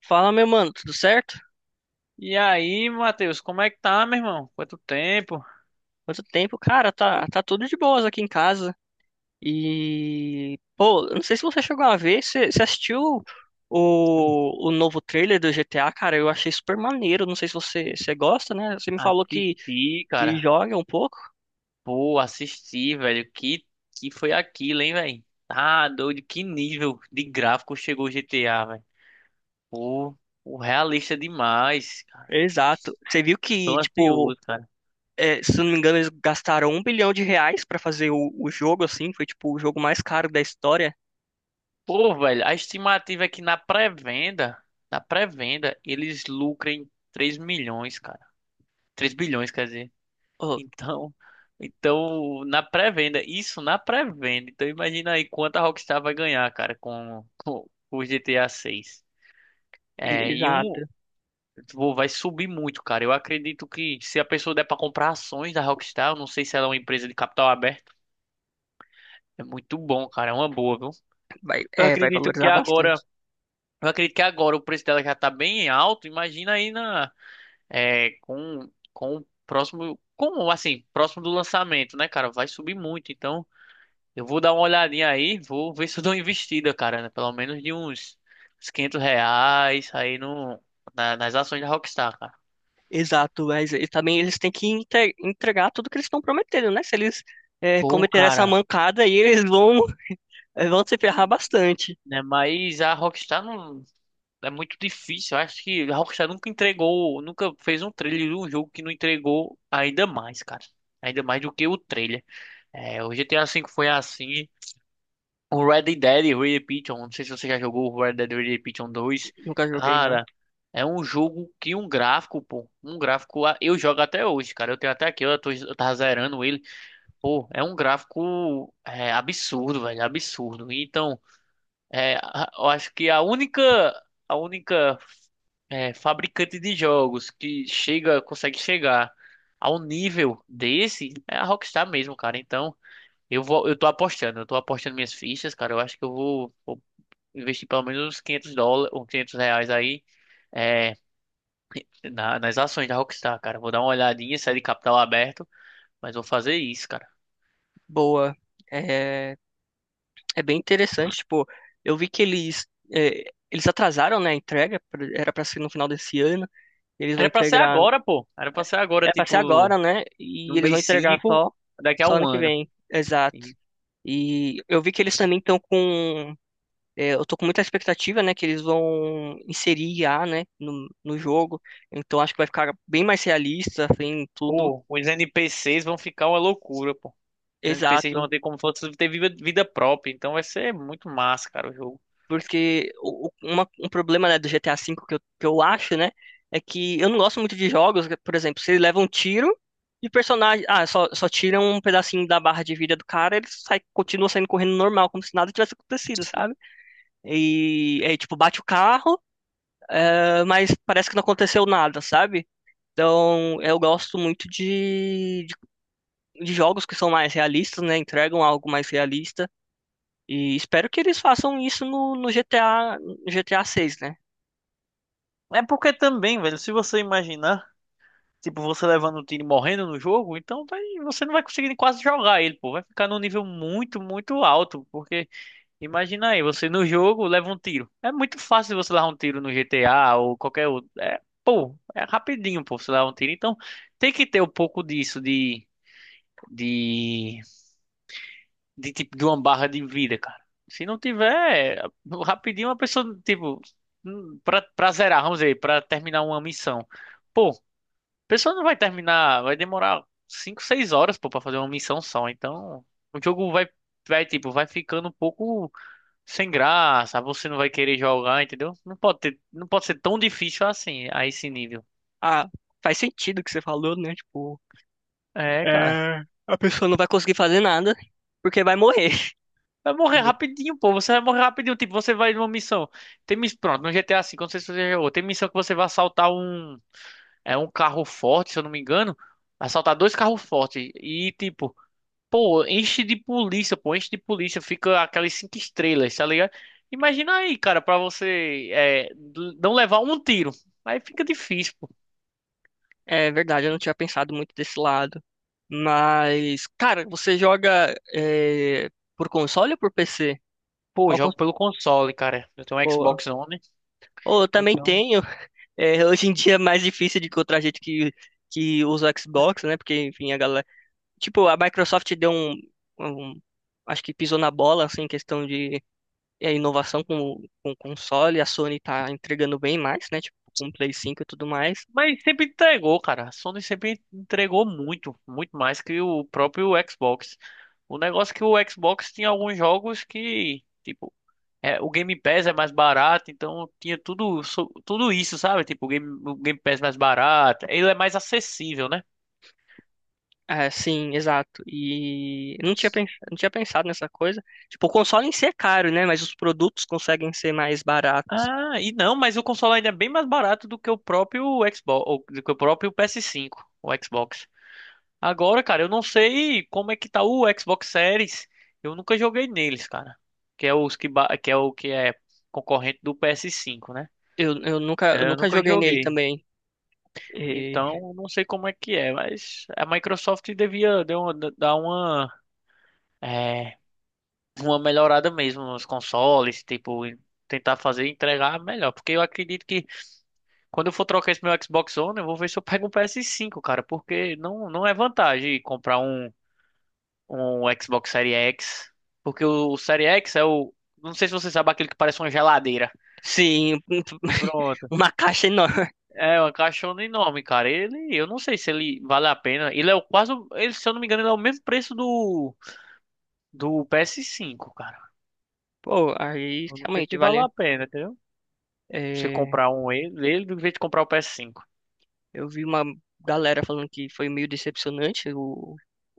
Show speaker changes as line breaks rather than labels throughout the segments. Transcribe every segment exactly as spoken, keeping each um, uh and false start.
Fala, meu mano, tudo certo?
E aí, Matheus, como é que tá, meu irmão? Quanto tempo?
Quanto tempo? Cara, tá, tá tudo de boas aqui em casa. E, pô, eu não sei se você chegou a ver, você você assistiu o, o novo trailer do G T A, cara? Eu achei super maneiro. Não sei se você, você gosta, né? Você me falou que,
Assisti,
que
cara.
joga um pouco.
Pô, assisti, velho. Que, que foi aquilo, hein, velho? Tá doido. Que nível de gráfico chegou o G T A, velho. Pô, o realista demais, cara.
Exato. Você viu
Tô
que, tipo,
ansioso, cara.
é, se eu não me engano, eles gastaram um bilhão de reais pra fazer o, o jogo, assim. Foi, tipo, o jogo mais caro da história.
Pô, velho, a estimativa é que na pré-venda, na pré-venda, eles lucrem três milhões, cara. Três bilhões, quer dizer.
Pô,
Então, então na pré-venda, isso na pré-venda. Então imagina aí quanto a Rockstar vai ganhar, cara, com, com, com o G T A seis.
e-
É, e um
exato.
vou- vai subir muito, cara. Eu acredito que se a pessoa der pra comprar ações da Rockstar, eu não sei se ela é uma empresa de capital aberto, é muito bom, cara, é uma boa, viu?
Vai,
Eu
é, vai
acredito que
valorizar bastante.
agora, eu acredito que agora o preço dela já tá bem alto. Imagina aí na é, com com o próximo, como assim, próximo do lançamento, né, cara? Vai subir muito, então. Eu vou dar uma olhadinha aí, vou ver se eu dou uma investida, cara, né? Pelo menos de uns, uns quinhentos reais aí no, na- nas ações da Rockstar, cara.
Exato, mas e também eles têm que entre- entregar tudo que eles estão prometendo, né? Se eles é,
Pô,
cometerem essa
cara,
mancada aí, eles vão, eh, vão se ferrar bastante.
né? Mas a Rockstar não é muito difícil. Eu acho que a Rockstar nunca entregou, nunca fez um trailer de um jogo que não entregou ainda mais, cara. Ainda mais do que o trailer. É, o G T A cinco foi assim. O Red Dead Redemption, não sei se você já jogou o Red Dead Redemption dois.
Nunca joguei, não.
Cara, é um jogo que um gráfico, pô, um gráfico, ah, eu jogo até hoje, cara. Eu tenho até aqui, eu tô, eu tava zerando ele. Pô, é um gráfico é, absurdo, velho, absurdo. Então, é, a- eu acho que a única, a única é, fabricante de jogos que chega, consegue chegar ao nível desse é a Rockstar mesmo, cara. Então, eu vou, eu tô apostando, eu tô apostando minhas fichas, cara. Eu acho que eu vou. Vou investir pelo menos uns quinhentos dólares, uns quinhentos reais aí, é, na- nas ações da Rockstar, cara. Vou dar uma olhadinha, sair de capital aberto, mas vou fazer isso, cara.
Boa. É, é bem interessante, tipo, eu vi que eles, eh, eles atrasaram, né, a entrega, era pra ser no final desse ano, eles vão
Era pra ser
entregar,
agora, pô. Era pra ser agora,
é pra ser
tipo,
agora, né? E
no
eles vão
mês
entregar
cinco
só,
daqui a
só
um
ano que
ano.
vem, exato.
E,
E eu vi que eles também estão com É, eu tô com muita expectativa, né, que eles vão inserir I a, né, no, no jogo. Então acho que vai ficar bem mais realista, assim, tudo
pô, os N P Cs vão ficar uma loucura, pô. Os N P Cs
exato.
vão ter como se fosse ter vida, vida própria, então vai ser muito massa, cara, o jogo.
Porque o, o- uma- um problema, né, do G T A vê que eu, que eu acho, né, é que eu não gosto muito de jogos, que, por exemplo, se ele leva um tiro e personagem, ah, só, só tira um pedacinho da barra de vida do cara, ele sai, continua saindo correndo normal, como se nada tivesse acontecido, sabe? E aí, tipo, bate o carro, ah, mas parece que não aconteceu nada, sabe? Então, eu gosto muito de, de, de jogos que são mais realistas, né? Entregam algo mais realista. E espero que eles façam isso no, no G T A, no G T A seis, né?
É porque também, velho, se você imaginar. Tipo, você levando o time morrendo no jogo, então vai- você não vai conseguir quase jogar ele, pô. Vai ficar num nível muito, muito alto. Porque imagina aí, você no jogo leva um tiro. É muito fácil você levar um tiro no G T A ou qualquer outro. É, pô, é rapidinho, pô, você levar um tiro. Então tem que ter um pouco disso de, de, de tipo, de uma barra de vida, cara. Se não tiver, é, rapidinho a pessoa, tipo, hum, pra, pra zerar, vamos dizer, pra terminar uma missão. Pô, a pessoa não vai terminar, vai demorar cinco, seis horas, pô, pra fazer uma missão só. Então, o jogo vai, vai, tipo, vai ficando um pouco sem graça. Você não vai querer jogar, entendeu? Não pode ter, não pode ser tão difícil assim, a esse nível.
Ah, faz sentido o que você falou, né? Tipo,
É, cara.
é, a pessoa não vai conseguir fazer nada porque vai morrer.
Vai morrer rapidinho, pô. Você vai morrer rapidinho. Tipo, você vai numa missão. Tem miss... Pronto, no G T A cinco, não sei se você já jogou. Tem missão que você vai assaltar um, é, um carro forte, se eu não me engano. Assaltar dois carros fortes. E, tipo, pô, enche de polícia, pô, enche de polícia, fica aquelas cinco estrelas, tá ligado? Imagina aí, cara, pra você é, d- não levar um tiro. Aí fica difícil, pô.
É verdade, eu não tinha pensado muito desse lado. Mas, cara, você joga é, por console ou por P C?
Pô, eu
Qual
jogo pelo console, cara. Eu tenho um
cons...
Xbox One,
Ou eu também
então.
tenho. É, hoje em dia é mais difícil de encontrar gente que, que usa o Xbox, né? Porque, enfim, a galera. Tipo, a Microsoft deu um, um- acho que pisou na bola, assim, em questão de é, inovação com, com console. A Sony tá entregando bem mais, né? Tipo, com o Play cinco e tudo mais.
Mas sempre entregou, cara. A Sony sempre entregou muito, muito mais que o próprio Xbox. O negócio é que o Xbox tinha alguns jogos que, tipo, é, o Game Pass é mais barato, então tinha tudo, so- tudo isso, sabe? Tipo, o Game, o Game Pass mais barato. Ele é mais acessível, né?
É, sim, exato. E eu não tinha, pens- não tinha pensado nessa coisa. Tipo, o console em si é caro, né? Mas os produtos conseguem ser mais baratos.
Ah, e não, mas o console ainda é bem mais barato do que o próprio Xbox, ou do que o próprio P S cinco, o Xbox. Agora, cara, eu não sei como é que tá o Xbox Series. Eu nunca joguei neles, cara. Que é os que, ba- que é o que é concorrente do P S cinco, né?
Eu, eu nunca, eu
Eu
nunca
nunca
joguei nele
joguei.
também. É,
Então, não sei como é que é, mas a Microsoft devia dar uma, dar uma é, uma melhorada mesmo nos consoles, tipo, e tentar fazer e entregar melhor. Porque eu acredito que quando eu for trocar esse meu Xbox One, eu vou ver se eu pego um P S cinco, cara, porque não, não é vantagem comprar um, um Xbox Series X. Porque o, o Series X é o. Não sei se você sabe aquele que parece uma geladeira.
sim,
Pronto.
uma caixa enorme.
É uma caixona enorme, cara. Ele, eu não sei se ele vale a pena. Ele é o quase, o- ele, se eu não me engano, ele é o mesmo preço do do P S cinco, cara.
Pô, aí
Eu não sei
realmente
se vale
vale.
a pena, entendeu? Você
é,
comprar um ele, ele em vez de comprar o P S cinco.
eu vi uma galera falando que foi meio decepcionante o,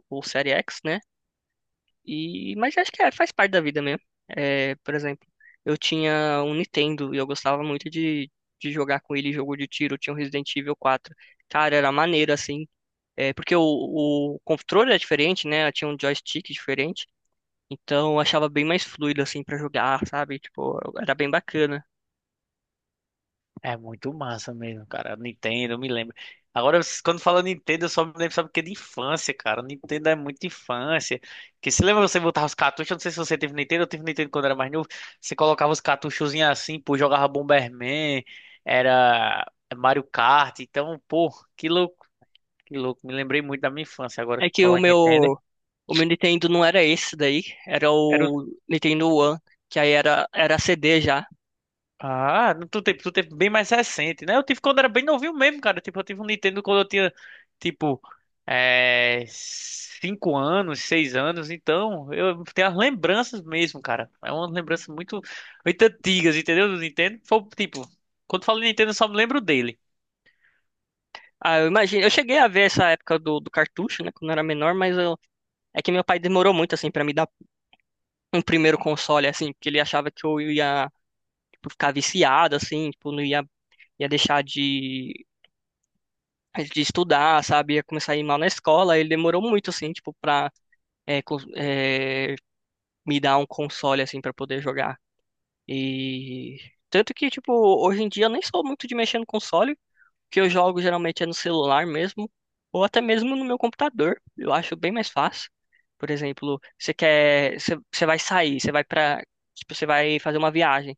o Série X, né? E, mas acho que é, faz parte da vida mesmo. É, por exemplo, eu tinha um Nintendo e eu gostava muito de, de jogar com ele jogo de tiro. Eu tinha um Resident Evil quatro. Cara, era maneiro assim. É, porque o, o controle é diferente, né? Eu tinha um joystick diferente. Então eu achava bem mais fluido assim pra jogar, sabe? Tipo, era bem bacana.
É muito massa mesmo, cara. Nintendo, eu me lembro. Agora, s- quando fala Nintendo, eu só me lembro, sabe o que? De infância, cara. Nintendo é muito infância. Que se lembra você botar os cartuchos? Eu não sei se você teve Nintendo, eu tive Nintendo quando era mais novo. Você colocava os cartuchozinhos assim, pô, jogava Bomberman, era Mario Kart. Então, pô, que louco, que louco. Me lembrei muito da minha infância. Agora,
É
que
que o
falando em Nintendo.
meu, o meu Nintendo não era esse daí, era
Era
o Nintendo One, que aí era, era C D já.
Ah, no tu teve, tu teve bem mais recente, né? Eu tive quando era bem novinho mesmo, cara. Tipo, eu tive um Nintendo quando eu tinha, tipo, é, cinco anos, seis anos. Então, eu tenho as lembranças mesmo, cara. É uma lembrança muito, muito antigas, entendeu? Do Nintendo. Foi, tipo, quando falo Nintendo, eu só me lembro dele.
Ah, eu imagino, eu cheguei a ver essa época do, do cartucho, né, quando eu era menor, mas eu, é que meu pai demorou muito, assim, pra me dar um primeiro console, assim, porque ele achava que eu ia, tipo, ficar viciado, assim, tipo, não ia, ia deixar de, de estudar, sabe, ia começar a ir mal na escola, ele demorou muito, assim, tipo, pra eh, cons- eh, me dar um console, assim, pra poder jogar. E tanto que, tipo, hoje em dia eu nem sou muito de mexer no console, o que eu jogo geralmente é no celular mesmo, ou até mesmo no meu computador. Eu acho bem mais fácil. Por exemplo, você quer, você, você vai sair, você vai para, tipo, você vai fazer uma viagem.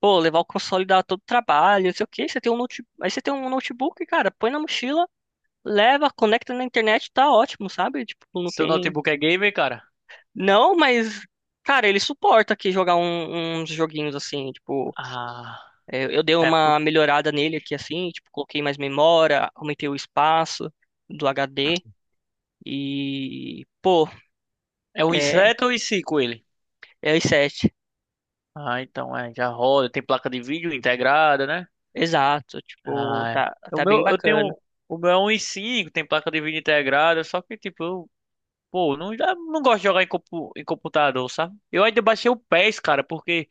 Pô, levar o console dá todo trabalho, não sei o quê. Você tem um note, aí você tem um notebook, cara, põe na mochila, leva, conecta na internet, tá ótimo, sabe? Tipo, não
Seu
tem.
notebook é gamer, cara?
Não, mas cara, ele suporta aqui jogar um- uns joguinhos assim, tipo.
Ah,
É, eu dei
é,
uma melhorada nele aqui assim, tipo, coloquei mais memória, aumentei o espaço do H D e, pô,
é um
é,
i sete ou i cinco ele?
é i sete.
Ah, então, é, já roda. Tem placa de vídeo integrada, né?
Exato, tipo,
Ah,
tá,
é. O
tá bem
meu, eu
bacana.
tenho, o meu é um 1.5, tem placa de vídeo integrada, só que tipo, eu, pô, não, eu não gosto de jogar em, compu- em computador, sabe? Eu ainda baixei o PES, cara, porque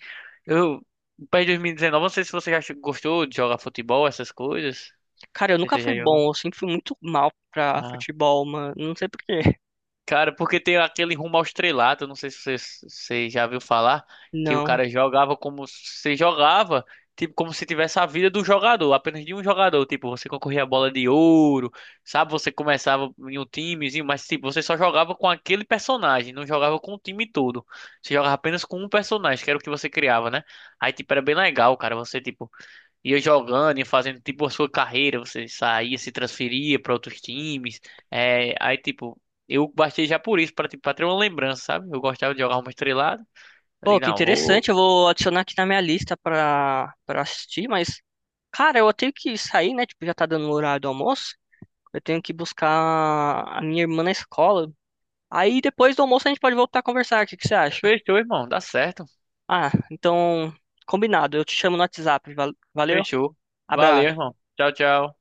eu, o PES dois mil e dezenove, não sei se você já gostou de jogar futebol, essas coisas.
Cara, eu
Não sei
nunca
se você
fui
já jogou.
bom, eu sempre fui muito mal pra
Ah.
futebol, mano. Não sei por quê.
Cara, porque tem aquele rumo ao estrelato, não sei se você, você já viu falar, que o
Não.
cara jogava como se jogava, tipo, como se tivesse a vida do jogador, apenas de um jogador. Tipo, você concorria a bola de ouro, sabe? Você começava em um timezinho, mas tipo, você só jogava com aquele personagem, não jogava com o time todo. Você jogava apenas com um personagem, que era o que você criava, né? Aí, tipo, era bem legal, cara. Você, tipo, ia jogando, ia fazendo tipo a sua carreira, você saía, se transferia para outros times. É, aí tipo, eu baixei já por isso, para tipo, pra ter uma lembrança, sabe? Eu gostava de jogar uma estrelada. Eu
Pô,
digo,
que
não, vou.
interessante, eu vou adicionar aqui na minha lista pra, pra assistir, mas, cara, eu tenho que sair, né? Tipo, já tá dando o horário do almoço. Eu tenho que buscar a minha irmã na escola. Aí depois do almoço a gente pode voltar a conversar. O que que você acha?
Fechou, irmão, dá certo.
Ah, então, combinado. Eu te chamo no WhatsApp. val- Valeu?
Fechou. Valeu,
Abraço.
irmão. Tchau, tchau.